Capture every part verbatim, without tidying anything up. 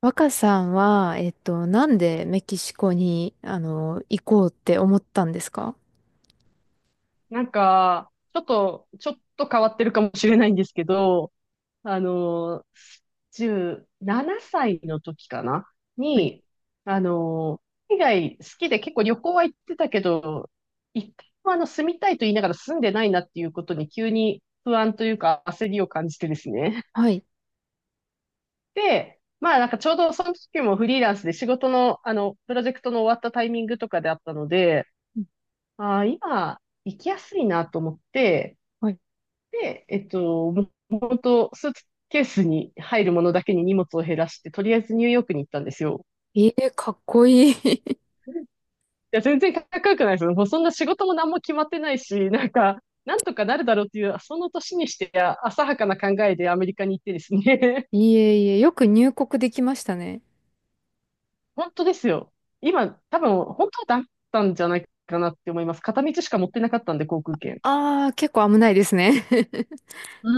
若さんは、えっと、なんでメキシコに、あの、行こうって思ったんですか？なんか、ちょっと、ちょっと変わってるかもしれないんですけど、あの、じゅうななさいの時かなはい。に、あの、海外好きで結構旅行は行ってたけど、一回もあの、住みたいと言いながら住んでないなっていうことに急に不安というか焦りを感じてですね。はい。で、まあなんかちょうどその時もフリーランスで仕事のあの、プロジェクトの終わったタイミングとかであったので、うん。ああ、今、行きやすいなと思って、はい。で、えっと、もともとスーツケースに入るものだけに荷物を減らして、とりあえずニューヨークに行ったんですよ。ええ、かっこいい。いや、全然かっこよくないですよ。もうそんな仕事も何も決まってないし、なんか、なんとかなるだろうっていう、その年にしてあ浅はかな考えでアメリカに行ってですね。いえいえ、よく入国できましたね。本当ですよ。今、多分、本当はだったんじゃないかなって思います。片道しか持ってなかったんで、航空券。ああ、結構危ないですね。う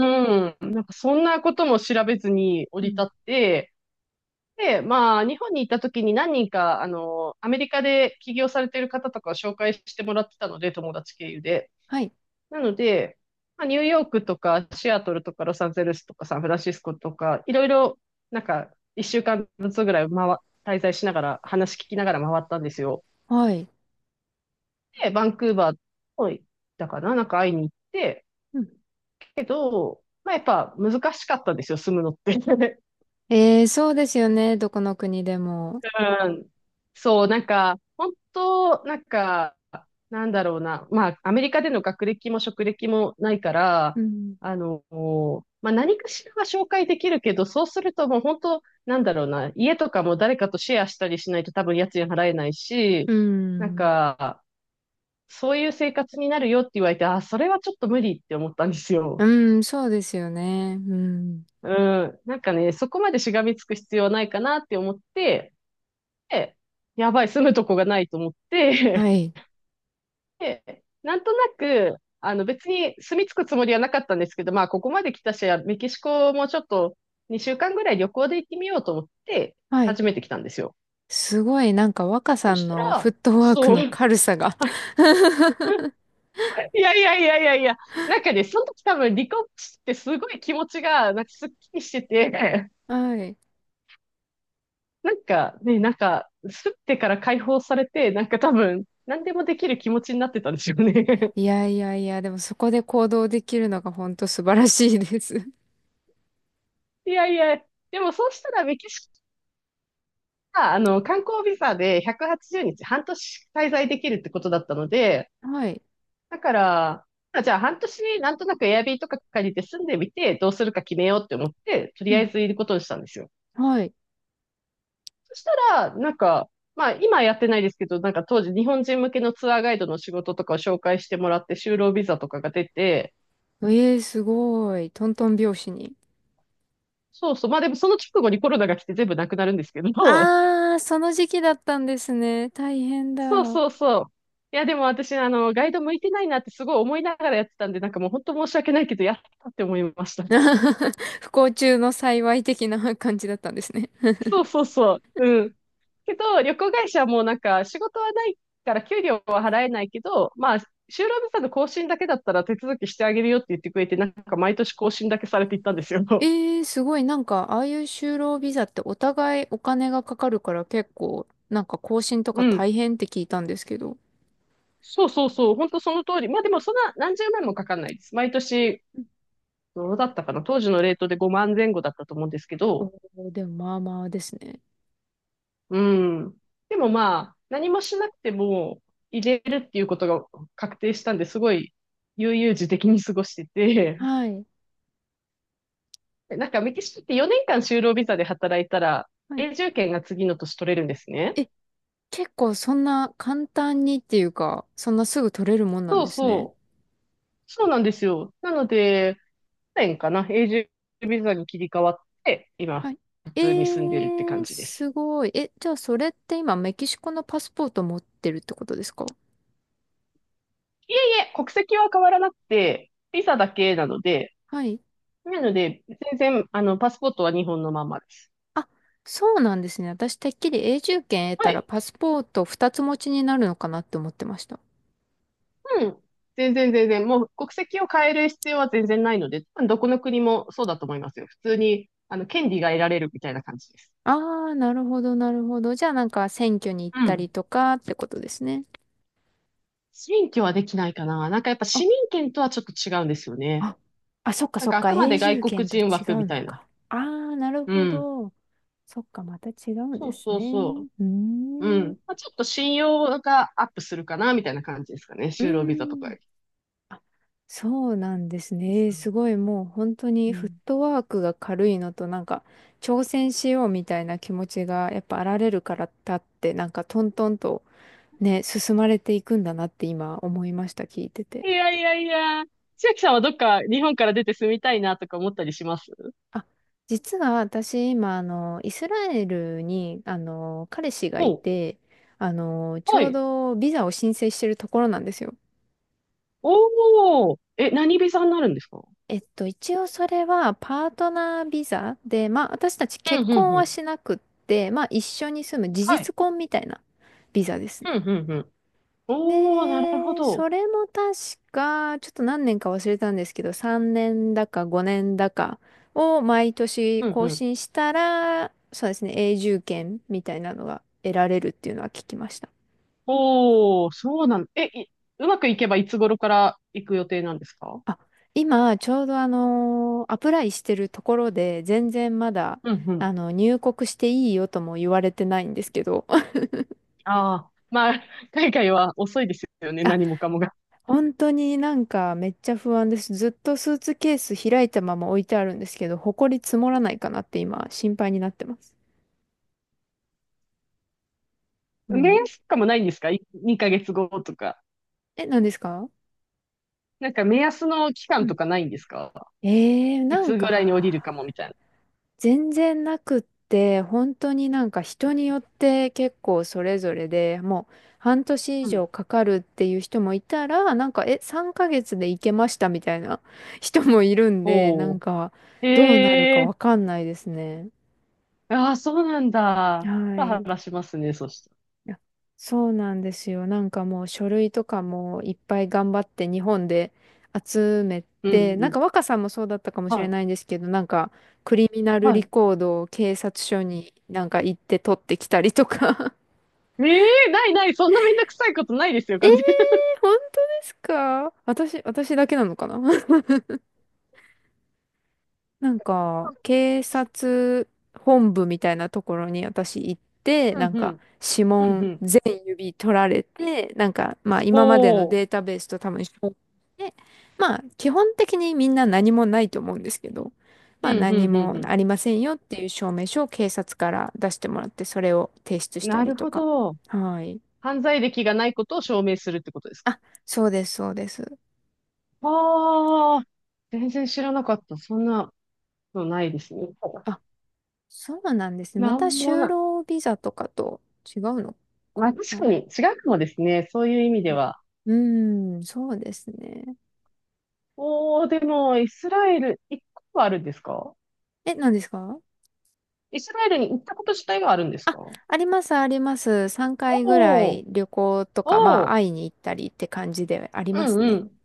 ん。なんか、そんなことも調べずに降 うり立っん。て、で、まあ、日本に行った時に何人か、あの、アメリカで起業されている方とかを紹介してもらってたので、友達経由で。はい。なので、まあ、ニューヨークとか、シアトルとか、ロサンゼルスとか、サンフランシスコとか、いろいろ、なんか、一週間ずつぐらい回、滞在しながら、話聞きながら回ったんですよ。はい。で、バンクーバーを行ったかな、なんか会いに行って、うん。まあ、やっぱ難しかったですよ、住むのって。ええ、そうですよね。どこの国でも。うん。そう、なんか、本当、なんか、なんだろうな。まあ、アメリカでの学歴も職歴もないから、うん。あの、まあ、何かしらは紹介できるけど、そうするともう本当、なんだろうな。家とかも誰かとシェアしたりしないと多分家賃払えないし、うなんん。か、そういう生活になるよって言われて、あ、それはちょっと無理って思ったんですうよ。ん、そうですよね。うん。うん。なんかね、そこまでしがみつく必要はないかなって思って、でやばい、住むとこがないと思って、はい。で、なんとなく、あの別に住み着くつもりはなかったんですけど、まあここまで来たし、メキシコもちょっとにしゅうかんぐらい旅行で行ってみようと思って、はい。初めて来たんですよ。すごい、なんか若そさんしたのら、フットワークそのう。軽さが。 いやいやいやいやいや、なんかね、その時多分離婚してすごい気持ちが、なんかすっきりしてて、はい。なんかね、なんか、吸ってから解放されて、なんか多分、何でもできる気持ちになってたんですよね。いやいやいや、でもそこで行動できるのが本当素晴らしいです。いやいや、でもそうしたらメキシあの、観光ビザでひゃくはちじゅうにち、半年滞在できるってことだったので、はい。だから、あじゃあ半年なんとなくエアビーとか借りて住んでみて、どうするか決めようって思って、とりうあん。えずいることにしたんですよ。はい。そしたら、なんか、まあ今やってないですけど、なんか当時日本人向けのツアーガイドの仕事とかを紹介してもらって、就労ビザとかが出て、ええ、すごい。トントン拍子に。そうそう、まあでもその直後にコロナが来て全部なくなるんですけど、あー、その時期だったんですね。大変だ。そうそうそう。いや、でも私、あの、ガイド向いてないなってすごい思いながらやってたんで、なんかもう本当申し訳ないけど、やったって思いました。不幸中の幸い的な感じだったんですね。そうそうそう。うん。けど、旅行会社もなんか仕事はないから給料は払えないけど、まあ、就労ビザの更新だけだったら手続きしてあげるよって言ってくれて、なんか毎年更新だけされていったんですよ。え ー、すごい。なんか、ああいう就労ビザってお互いお金がかかるから結構、なんか更新とかうん。大変って聞いたんですけど。そうそうそう。本当その通り。まあでもそんな何十万もかかんないです。毎年、どうだったかな。当時のレートでごまん後だったと思うんですけおど、ー、でもまあまあですね。うん。でもまあ、何もしなくても入れるっていうことが確定したんで、すごい悠々自適に過ごしてて、はい。でなんかメキシコってよねんかん就労ビザで働いたら、はい。永住権が次の年取れるんですね。え、結構そんな簡単にっていうか、そんなすぐ取れるもんなんそうですね。そう。そうなんですよ。なので、去年かな、永住ビザに切り替わって、今、はい。普通に住んえでるって感ー、じです。すごい。え、じゃあそれって今メキシコのパスポート持ってるってことですか？いえいえ、国籍は変わらなくて、ビザだけなので、はい。なので、全然、あの、パスポートは日本のままです。あ、そうなんですね。私、てっきり永住権得はたらい。パスポートふたつ持ちになるのかなって思ってました。うん。全然全然、もう国籍を変える必要は全然ないので、多分どこの国もそうだと思いますよ。普通に、あの、権利が得られるみたいな感じです。ああ、なるほど、なるほど。じゃあなんか選挙に行っうたりん。とかってことですね。選挙はできないかな。なんかやっぱあ、市民権とはちょっと違うんですよね。あ、あ、そっかなんそかっあか。くま永で外住国権と人違枠みうたのいな。か。ああ、なるうほん。ど。そっか、また違うんそでうすそうね。そうーう。うん。うん。まあ、ちょっと信用がアップするかな、みたいな感じですかね。ー就労ビザとかん。より。あ、そうなんですうね。えー、すんごい。もう本当うにフッん。トワークが軽いのとなんか挑戦しようみたいな気持ちがやっぱあられるからだってなんかトントンとね、進まれていくんだなって今思いました、聞いてて。いやいやいや。千秋さんはどっか日本から出て住みたいなとか思ったりしますあ、実は私今あの、イスラエルにあの、彼氏がいお、て、あの、ちはょうい。どビザを申請してるところなんですよ。おー、え、何部さんになるんですか？えっと、一応それはパートナービザで、まあ私たちうん、結う婚ん、うはん。しなくって、まあ一緒に住む事はい。実婚みたいなビザですうね。ん、うん、うん。おー、なるほで、ど。それも確か、ちょっと何年か忘れたんですけど、さんねんだかごねんだかを毎年うん、更うん。新したら、そうですね、永住権みたいなのが得られるっていうのは聞きました。おー、そうなん、え、いうまくいけばいつ頃から行く予定なんですか？あ、今、ちょうどあの、アプライしてるところで、全然まだ、うん、うん。あの、入国していいよとも言われてないんですけど。ああ、まあ、海外は遅いですよね、あ、何もかもが。本当になんかめっちゃ不安です。ずっとスーツケース開いたまま置いてあるんですけど、埃積もらないかなって今、心配になってます。目もう。安とかもないんですか？ に ヶ月後とか。え、何ですか？なんか目安の期う間ん。とかないんですか？えー、いなんつぐらいに降りるかもか、みたいな。全然なくって、本当になんか人によって結構それぞれで、もう半年以うん。上かかるっていう人もいたら、なんか、え、さんかげつで行けましたみたいな人もいるんで、なおんー、か、どうなるかへえ、わかんないですね。ああ、そうなんだ。はハラハい。ラしますね、そし、いや、そうなんですよ。なんかもう書類とかもいっぱい頑張って日本で集めうて、んうなんん。か若さんもそうだったかもしはれい。ないんですけど、なんかクリミナルはリい。コードを警察署になんか行って取ってきたりとか。ええないない。そんなめんどくさいことないですよ、えこー、っち。本当ですか？私、私だけなのかな。 なんか、警察本部みたいなところに私行って、うなんんうか、ん。指うんう紋ん。全指取られて、なんか、まあ今までのほデーう。タベースと多分照合して、まあ基本的にみんな何もないと思うんですけど、うまあんう何んうんもうありませんよっていう証明書を警察から出してもらって、それを提出しん。たなりるとほか。ど。はい。犯罪歴がないことを証明するってことですか？あ、そうです、そうです。ああ、全然知らなかった。そんなのないですね。あ、そうなんですね。まなたんも就ない。労ビザとかと違うのまかあ確かな。に違うかもですね。そういう意味では。うん、うーん、そうですね。おー、でも、イスラエル、一個はあるんですか？え、何ですか？イスラエルに行ったこと自体があるんですか？あ、おあります、あります。さんかいぐらー、い旅行とおか、まあ、ー、会いに行ったりって感じでありまうすんうね。ん。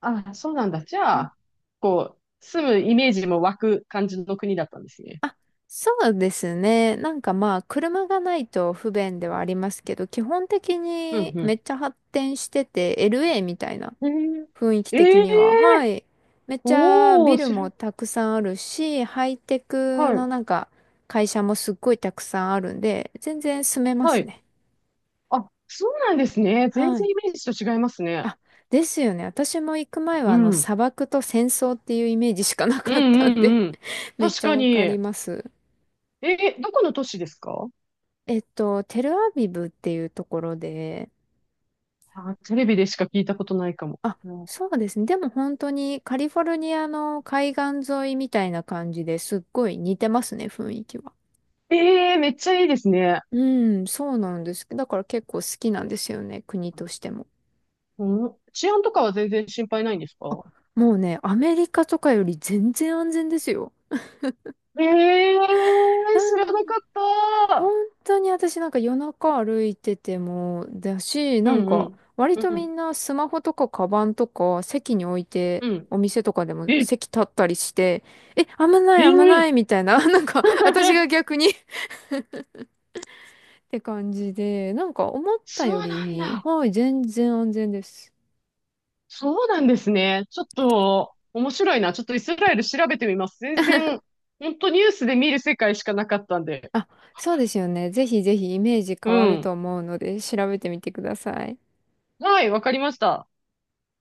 あ、そうなんだ。じうゃん。あ、こう、住むイメージも湧く感じの国だったんですね。あ、そうですね。なんかまあ、車がないと不便ではありますけど、基本的うにめんっちゃ発展してて、エルエー みたいなうん。雰囲気えー、的えには、ー、はい。めっちゃおビー、ル知らもん。たくさんあるし、ハイテクはい、のなんか会社もすっごいたくさんあるんで、全然住めまはすい。ね。あ、そうなんですね。全はい。然イメージと違いますね。あ、ですよね。私も行く前うは、あん。の、うん砂漠と戦争っていうイメージしかなうかったんんで。 うん。めっ確ちゃかわに。かりえます。ー、どこの都市ですか？えっと、テルアビブっていうところで、あ、テレビでしか聞いたことないかも。あ、うん。そうですね。でも本当にカリフォルニアの海岸沿いみたいな感じで、すっごい似てますね、雰囲気は。えー、めっちゃいいですね。うん、そうなんです。だから結構好きなんですよね、国としても。うん、治安とかは全然心配ないんですあ、か？もうね、アメリカとかより全然安全ですよ。え、えー、な知らなんかっ本た。当に私なんか夜中歩いててもだし、うなんんうかん。割うとみん。んなスマホとかカバンとか席に置いてうん。お店とかでもえ、席立ったりして、え、危ない危なええ いみたいな、なんか私 が逆に って感じで、なんか思ったそようなんり、だ。はい、全然安全です。そうなんですね。ちょっと面白いな。ちょっとイスラエル調べてみます。全然、本当ニュースで見る世界しかなかったんで。あ、そうですよね。ぜひぜひイメージう変わるとん。思うので調べてみてください。はい、わかりました。